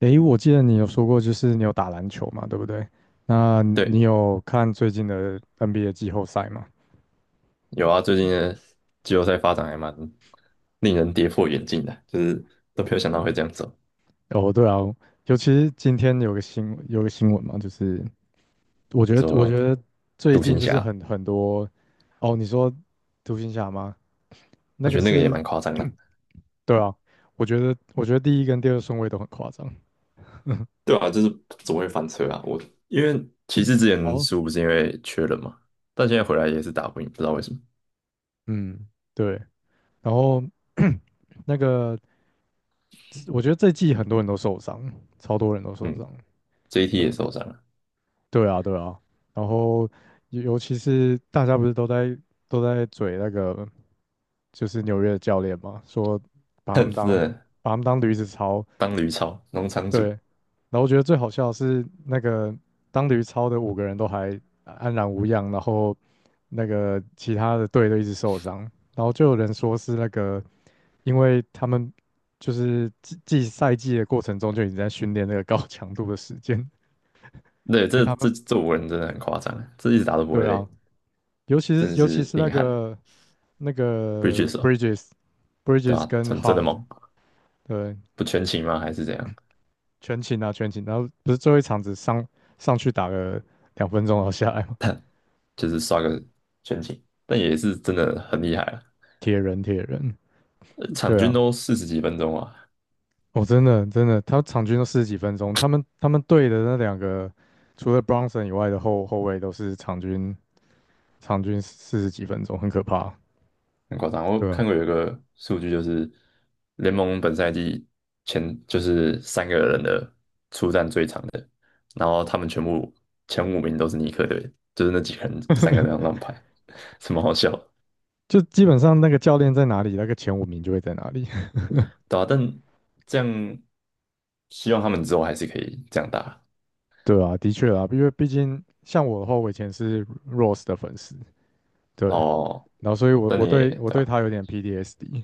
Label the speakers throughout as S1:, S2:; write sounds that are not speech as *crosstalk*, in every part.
S1: 诶，我记得你有说过，就是你有打篮球嘛，对不对？那你
S2: 对，
S1: 有看最近的 NBA 季后赛吗？
S2: 有啊，最近的季后赛发展还蛮令人跌破眼镜的，就是都没有想到会这样走。
S1: 哦，对啊，尤其是今天有个新闻嘛，我
S2: 你
S1: 觉得我
S2: 说
S1: 觉得最
S2: 独
S1: 近
S2: 行
S1: 就是
S2: 侠，
S1: 很多，哦，你说独行侠吗？那
S2: 我觉
S1: 个
S2: 得那个也
S1: 是，
S2: 蛮夸张的，
S1: *clears throat* 对啊，我觉得第一跟第二顺位都很夸张。
S2: 对啊，就是总会翻车啊？我因为骑士之前
S1: 哦，
S2: 输不是因为缺人嘛，但现在回来也是打不赢，不知道为什么。
S1: 嗯，对，然后 *clears throat* 那个我觉得这季很多人都受伤，超多人都受
S2: 嗯
S1: 伤。
S2: ，JT
S1: 对。
S2: 也受伤了，
S1: 对啊，对啊，然后尤其是大家不是都在嘴那个就是纽约的教练嘛，说
S2: *laughs*
S1: 把他们
S2: 哼，真
S1: 当
S2: 的
S1: 把他们当驴子操，
S2: 当驴超农场主，
S1: 对。然后我觉得最好笑的是那个当驴操的五个人都还安然无恙，然后那个其他的队都一直受伤，然后就有人说是那个因为他们就是季赛的过程中就已经在训练那个高强度的时间，
S2: 对，
S1: 所以
S2: 这
S1: 他
S2: 这
S1: 们
S2: 这五个人真的很夸张啊，这一直打都不会
S1: 对啊，
S2: 累，
S1: 尤其
S2: 真的
S1: 是尤其
S2: 是
S1: 是那
S2: 硬汉
S1: 个那
S2: 不 r i d
S1: 个 Bridges
S2: 对
S1: Bridges
S2: 吧、啊？
S1: 跟
S2: 真的
S1: Hard
S2: 猛，
S1: 对，
S2: 不全勤吗？还是怎样？
S1: 全勤啊全勤，然后不是最后一场只上去打了两分钟然后下来吗？
S2: 就是刷个全勤，但也是真的很厉害啊，
S1: 铁人铁人，
S2: 场
S1: 对
S2: 均
S1: 啊，
S2: 都四十几分钟啊，
S1: 哦，真的真的，他场均都四十几分钟，他们队的那两个除了 Bronson 以外的后卫都是场均四十几分钟，很可怕啊，
S2: 很夸张。我
S1: 对啊，
S2: 看过有一个数据，就是联盟本赛季前就是三个人的出战最长的，然后他们全部前五名都是尼克队，就是那几个人三个人这样乱排，*laughs* 什么好笑的
S1: 就基本上那个教练在哪里，那个前五名就会在哪里。
S2: 对吧？但这样希望他们之后还是可以这样打
S1: 对啊，的确啊，因为毕竟像我的话，我以前是 Rose 的粉丝，对，
S2: 哦，
S1: 然后所以我
S2: 但
S1: 我
S2: 你也
S1: 对我
S2: 对
S1: 对
S2: 吧、
S1: 他有点 PTSD。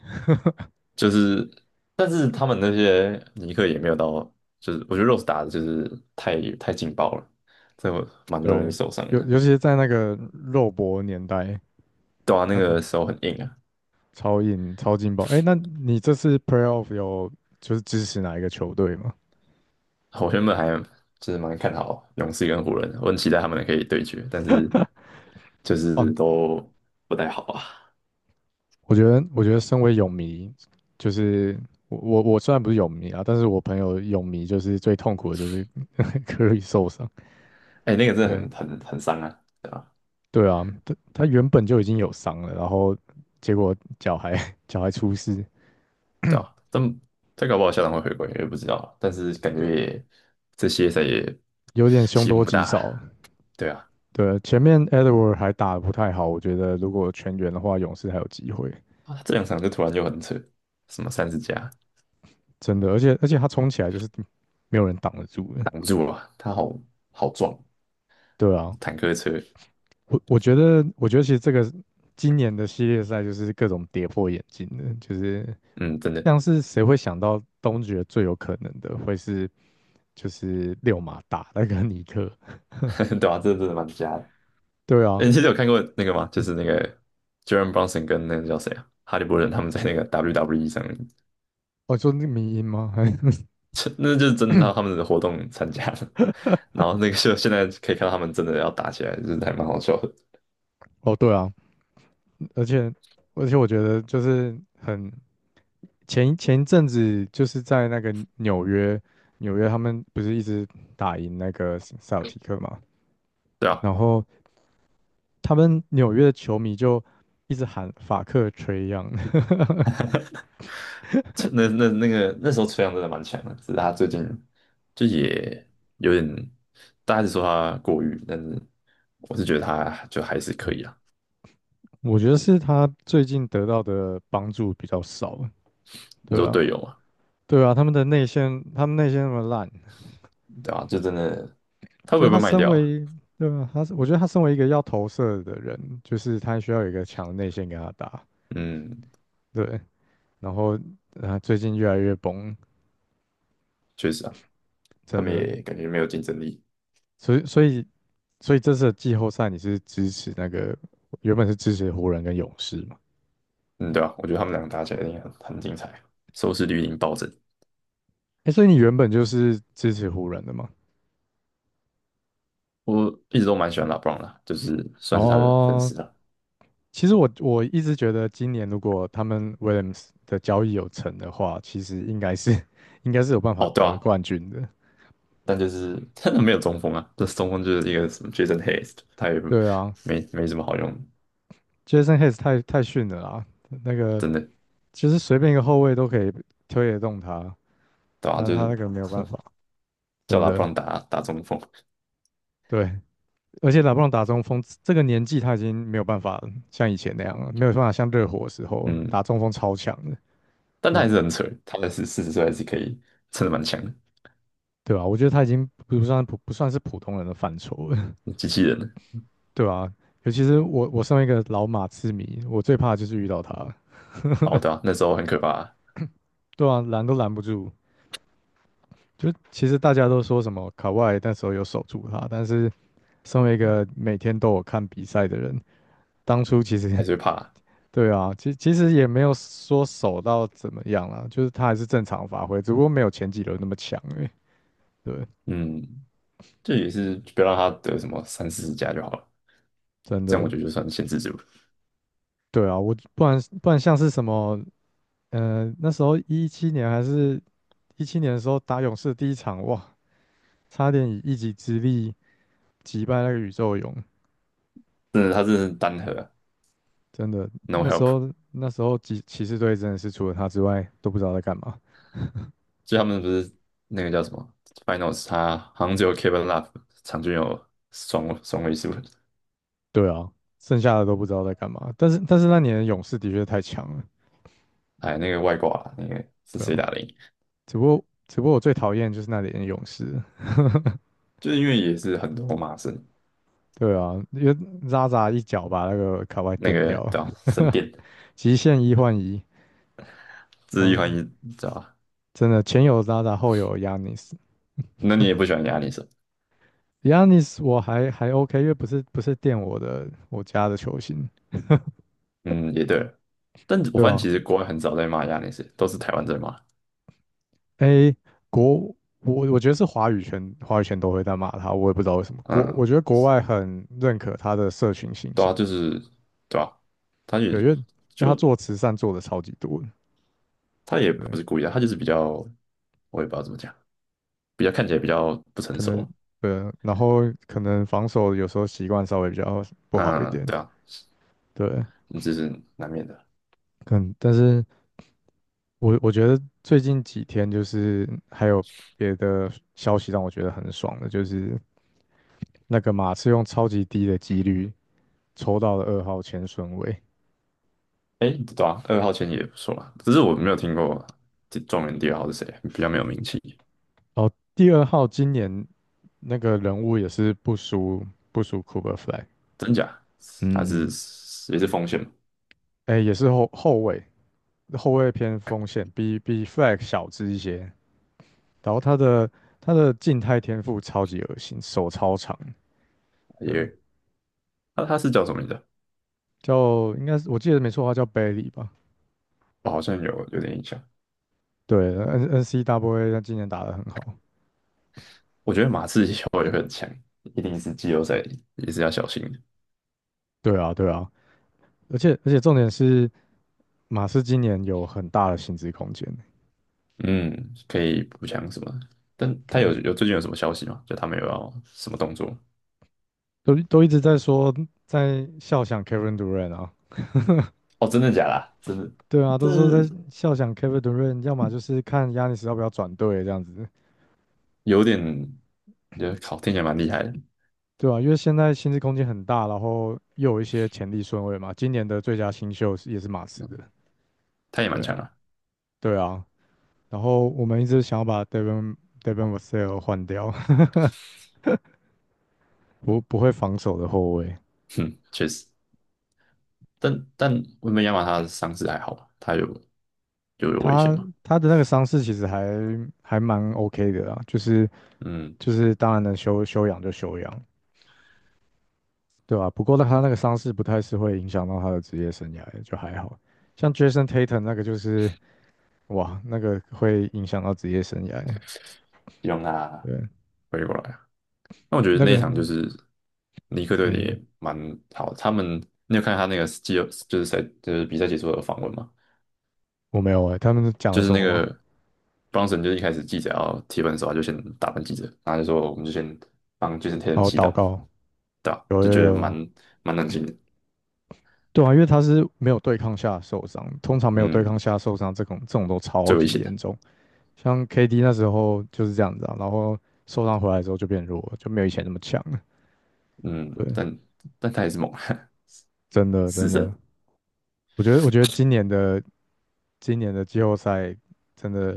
S2: 就是，但是他们那些尼克也没有到，就是我觉得 Rose 打的就是太劲爆了，这
S1: *laughs*
S2: 蛮容易
S1: 对，
S2: 受伤
S1: 尤
S2: 的。
S1: 尤其是在那个肉搏年代，
S2: 对啊，那
S1: 他的
S2: 个手很硬啊。
S1: 超硬超劲爆。哎，那你这次 Playoff 有就是支持哪一个球队吗？
S2: 我原本还就是蛮看好勇士跟湖人的，我很期待他们可以对决，但是就是
S1: 啊，
S2: 都不太好啊。
S1: 我觉得身为泳迷，就是我虽然不是泳迷啊，但是我朋友泳迷就是最痛苦的就是 *laughs* 可以受伤，
S2: 哎、那个真
S1: 对，
S2: 的很伤啊，对啊，
S1: 对啊，他他原本就已经有伤了，然后结果脚还 *laughs* 脚还出事，
S2: 对啊，但再搞不好校长会回归，也不知道，但是感觉也这些赛也
S1: 有点凶
S2: 希望
S1: 多
S2: 不
S1: 吉
S2: 大
S1: 少。
S2: 啊，对啊。
S1: 对啊，前面 Edward 还打得不太好，我觉得如果全员的话，勇士还有机会，
S2: 啊，他这两场就突然就很扯，什么三十加
S1: 真的。而且他冲起来就是没有人挡得住的。
S2: 挡住了，他好好撞
S1: 对啊，
S2: 坦克车，
S1: 我觉得其实这个今年的系列赛就是各种跌破眼镜的，就是
S2: 嗯，真的，
S1: 像是谁会想到东决最有可能的会是就是六马打那个尼克？
S2: *laughs* 对啊，这真的蛮瞎的。
S1: 对
S2: 哎，
S1: 啊，
S2: 你记得有看过那个吗？就是那个 Jaren Brunson 跟那个叫谁啊，哈利波特他们在那个 WWE 上面，
S1: 哦，就是那个迷因吗？还 *laughs*
S2: 这那就是真的他们的活动参加了，*laughs* 然后那个就现在可以看到他们真的要打起来，就是还蛮好笑的。
S1: 哦，对啊，而且而且我觉得就是很前一阵子就是在那个纽约，纽约他们不是一直打赢那个塞尔提克嘛，
S2: 对啊。
S1: 然后他们纽约的球迷就一直喊法克吹样。*laughs*
S2: 吹那个那时候崔杨真的蛮强的，只是他最近就也有点，大家是说他过誉，但是我是觉得他就还是可以啊。
S1: 我觉得是他最近得到的帮助比较少，
S2: 你
S1: 对
S2: 说
S1: 啊，
S2: 队友嘛，
S1: 对啊，他们内线那么烂。
S2: 对吧、就真的他
S1: 就
S2: 会
S1: 是
S2: 不
S1: 他
S2: 会被卖
S1: 身
S2: 掉啊？
S1: 为，对吧？他是，我觉得他身为一个要投射的人，就是他需要有一个强的内线跟他打，
S2: 嗯，
S1: 对。然后，啊，最近越来越崩，
S2: 确实啊，他
S1: 真
S2: 们
S1: 的。
S2: 也感觉没有竞争力。
S1: 所以，所以，所以这次的季后赛你是支持那个，原本是支持湖人跟勇士嘛？
S2: 嗯，对啊，我觉得他们两个打起来一定很很精彩，收视率一定暴增。
S1: 哎，所以你原本就是支持湖人的嘛？
S2: 我一直都蛮喜欢拉布朗的，就是算是他的粉
S1: 哦，
S2: 丝了。
S1: 其实我一直觉得今年如果他们 Williams 的交易有成的话，其实应该是 *laughs* 应该是有办法
S2: 哦，对
S1: 得
S2: 啊，
S1: 冠军的。
S2: 但就是真的没有中锋啊，这中锋就是一个什么 Jason Hayes,他也
S1: 对啊，
S2: 没什么好用，
S1: Jason Hayes 太逊了啦，那个
S2: 真的，
S1: 其实随便一个后卫都可以推得动他，
S2: 对吧、
S1: 那
S2: 就是
S1: 他那个没有
S2: *laughs*
S1: 办
S2: 哼
S1: 法，
S2: 叫
S1: 真
S2: 他不
S1: 的。
S2: 让打中锋，
S1: 对，而且拉布朗打中锋，这个年纪他已经没有办法像以前那样了，没有办法像热火的时候
S2: 嗯，
S1: 打中锋超强的，
S2: 但他
S1: 对，
S2: 还是很扯，他还是四十岁还是可以，撑的蛮强的，
S1: 对吧，我觉得他已经不算是普通人的范畴了，
S2: 机器人。
S1: *laughs* 对吧，尤其是我身为一个老马刺迷，我最怕的就是遇到他，
S2: 哦，对啊，那时候很可怕，
S1: 对啊，拦都拦不住。就其实大家都说什么卡哇伊那时候有守住他，但是身为一个每天都有看比赛的人，当初其实
S2: 还是会怕，
S1: *laughs* 对啊，其实也没有说守到怎么样啦，就是他还是正常发挥，只不过没有前几轮那么强而已。对，
S2: 嗯，这也是不要让他得什么三四十加就好了，
S1: 真
S2: 这样
S1: 的，
S2: 我觉得就算限制住了。
S1: 对啊，我不然不然像是什么，那时候一七年的时候打勇士第一场，哇，差点以一己之力击败那个宇宙勇，
S2: 真的，他真的是单核啊
S1: 真的，
S2: ，no
S1: 那时
S2: help。
S1: 候那时候骑士队真的是除了他之外都不知道在干嘛。
S2: 就他们不是那个叫什么 Finals,他好像只有 Kevin Love 场均有双位数，
S1: 对啊，剩下的都不知道在干嘛。但是那年的勇士的确太强了，
S2: 哎，那个外挂啦那个是
S1: 对
S2: 谁
S1: 啊。
S2: 打的赢？
S1: 只不过我最讨厌就是那年的勇士，
S2: 就是因为也是很多骂神
S1: 对啊，因为渣渣一脚把那个卡哇伊
S2: 那
S1: 垫
S2: 个
S1: 掉了，
S2: 对吧、神殿，
S1: *laughs* 极限一换一，
S2: 这
S1: 然
S2: 是一
S1: 后
S2: 环一知道吧？
S1: 真的前有渣渣，后有 Yanis。
S2: 那你也不喜欢亚尼斯，
S1: Yanis 我还 OK，因为不是垫我家的球星，
S2: 嗯，也对但我
S1: 对
S2: 发现
S1: 啊。
S2: 其实国外很少在骂亚尼斯，都是台湾在骂。
S1: 诶，国我觉得是华语圈都会在骂他，我也不知道为什么。我
S2: 嗯，
S1: 觉得国外很认可他的社群形
S2: 对
S1: 象。
S2: 啊，就是对啊，他也
S1: 有因为因为他
S2: 就
S1: 做慈善做的超级多的，
S2: 他也
S1: 对，
S2: 不是故意的，他就是比较，我也不知道怎么讲，比较看起来比较不成
S1: 可能
S2: 熟。
S1: 对啊，然后可能防守有时候习惯稍微比较不好一
S2: 嗯，
S1: 点，
S2: 对啊，
S1: 对，
S2: 这是难免的。
S1: 但是我觉得最近几天就是还有别的消息让我觉得很爽的，就是那个马刺用超级低的几率抽到了二号前顺位。
S2: 哎，对啊，二号签也不错啊，只是我没有听过这状元第二号是谁，比较没有名气，
S1: 哦，第二号今年那个人物也是不输 Cooper Flag，
S2: 真假？他是
S1: 嗯，
S2: 也是锋线嘛，
S1: 哎，也是后卫，后卫偏锋线，比 Flag 小只一些。然后他的静态天赋超级恶心，手超长。对，
S2: 也他是叫什么名字啊
S1: 叫应该是我记得没错的话叫 Bailey 吧？
S2: 我好像有点印象。
S1: 对，NNCWA 他今年打得很好。
S2: 我觉得马刺以后也会很强，一定是季后赛也是要小心的。
S1: 对啊，对啊，而且重点是马斯今年有很大的薪资空间，
S2: 嗯，可以补强什么的但
S1: 可
S2: 他有
S1: 能
S2: 有最近有什么消息吗？就他们有要什么动作？
S1: 都一直在说在笑想 Kevin Durant 啊。
S2: 哦，真的假的啊？真的，
S1: 对啊，
S2: 这
S1: 都说在笑想 Kevin Durant，要么就是看 Yan 要不要转队这样子。
S2: 有点，觉得靠，听起来蛮厉害的，
S1: 对啊，因为现在薪资空间很大，然后又有一些潜力顺位嘛。今年的最佳新秀是也是马刺的，
S2: 他也蛮
S1: 对，
S2: 强啊。
S1: 对啊。然后我们一直想要把 Devin Vassell 换掉，*laughs* 不会防守的后卫。
S2: 嗯，确实，但温本亚马他的伤势还好吧？他有就有危险
S1: 他
S2: 嘛？
S1: 他的那个伤势其实还蛮 OK 的啦，就是
S2: 嗯，
S1: 就是当然能休养就休养，对吧，不过他那个伤势不太是会影响到他的职业生涯的，就还好。像 Jason Tatum 那个就是哇，那个会影响到职业生涯，
S2: 希望他
S1: 对。
S2: 回过来啊。那我觉得
S1: 那
S2: 那一
S1: 个
S2: 场就是尼克队的
S1: 嗯，
S2: 也蛮好，他们你有看他那个季后就是赛就是比赛结束的访问吗？
S1: 我没有哎，他们讲了
S2: 就是
S1: 什
S2: 那
S1: 么吗？
S2: 个 Brunson 就是一开始记者要提问的时候，他就先打断记者，然后就说我们就先帮 Jason Tatum
S1: 然后
S2: 祈
S1: 祷
S2: 祷，
S1: 告，
S2: 对吧？
S1: 有
S2: 就
S1: 有
S2: 觉得
S1: 有
S2: 蛮
S1: 有
S2: 蛮冷静的，
S1: 对啊，因为他是没有对抗下受伤，通常没有对抗
S2: 嗯，
S1: 下受伤这种都超
S2: 最危
S1: 级
S2: 险的，
S1: 严重，像 KD 那时候就是这样子啊，然后受伤回来之后就变弱了，就没有以前那么强了。
S2: 嗯，
S1: 对，
S2: 但他也是猛，
S1: 真
S2: *laughs*
S1: 的
S2: 死
S1: 真的，
S2: 神。
S1: 我觉得我觉得今年的今年的季后赛真的，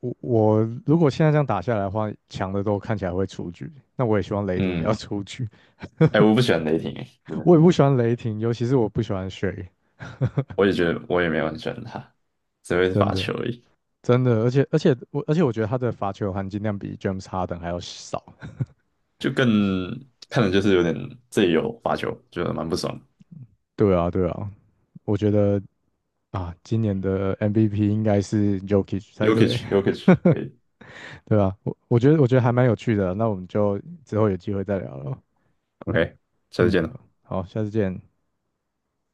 S1: 我如果现在这样打下来的话，强的都看起来会出局，那我也希望雷霆也要
S2: 嗯，
S1: 出局，
S2: 哎、我不喜欢雷霆、
S1: *laughs* 我
S2: 嗯，
S1: 也不喜欢雷霆，尤其是我不喜欢 SGA。
S2: 我也觉得我也没有很喜欢他，只会
S1: 真
S2: 罚
S1: 的。
S2: 球而已，
S1: 真的，而且我觉得他的罚球含金量比 James Harden 还要少。*laughs*
S2: 就更看的就是有点这里有罚球，觉得蛮不爽。
S1: 对啊，对啊，我觉得啊，今年的 MVP 应该是 Jokic 才对，
S2: Yokich，Yokich，可以
S1: *laughs* 对啊，我觉得还蛮有趣的，那我们就之后有机会再聊了。
S2: ，OK,下次见
S1: 嗯，
S2: 了。
S1: 好，下次见。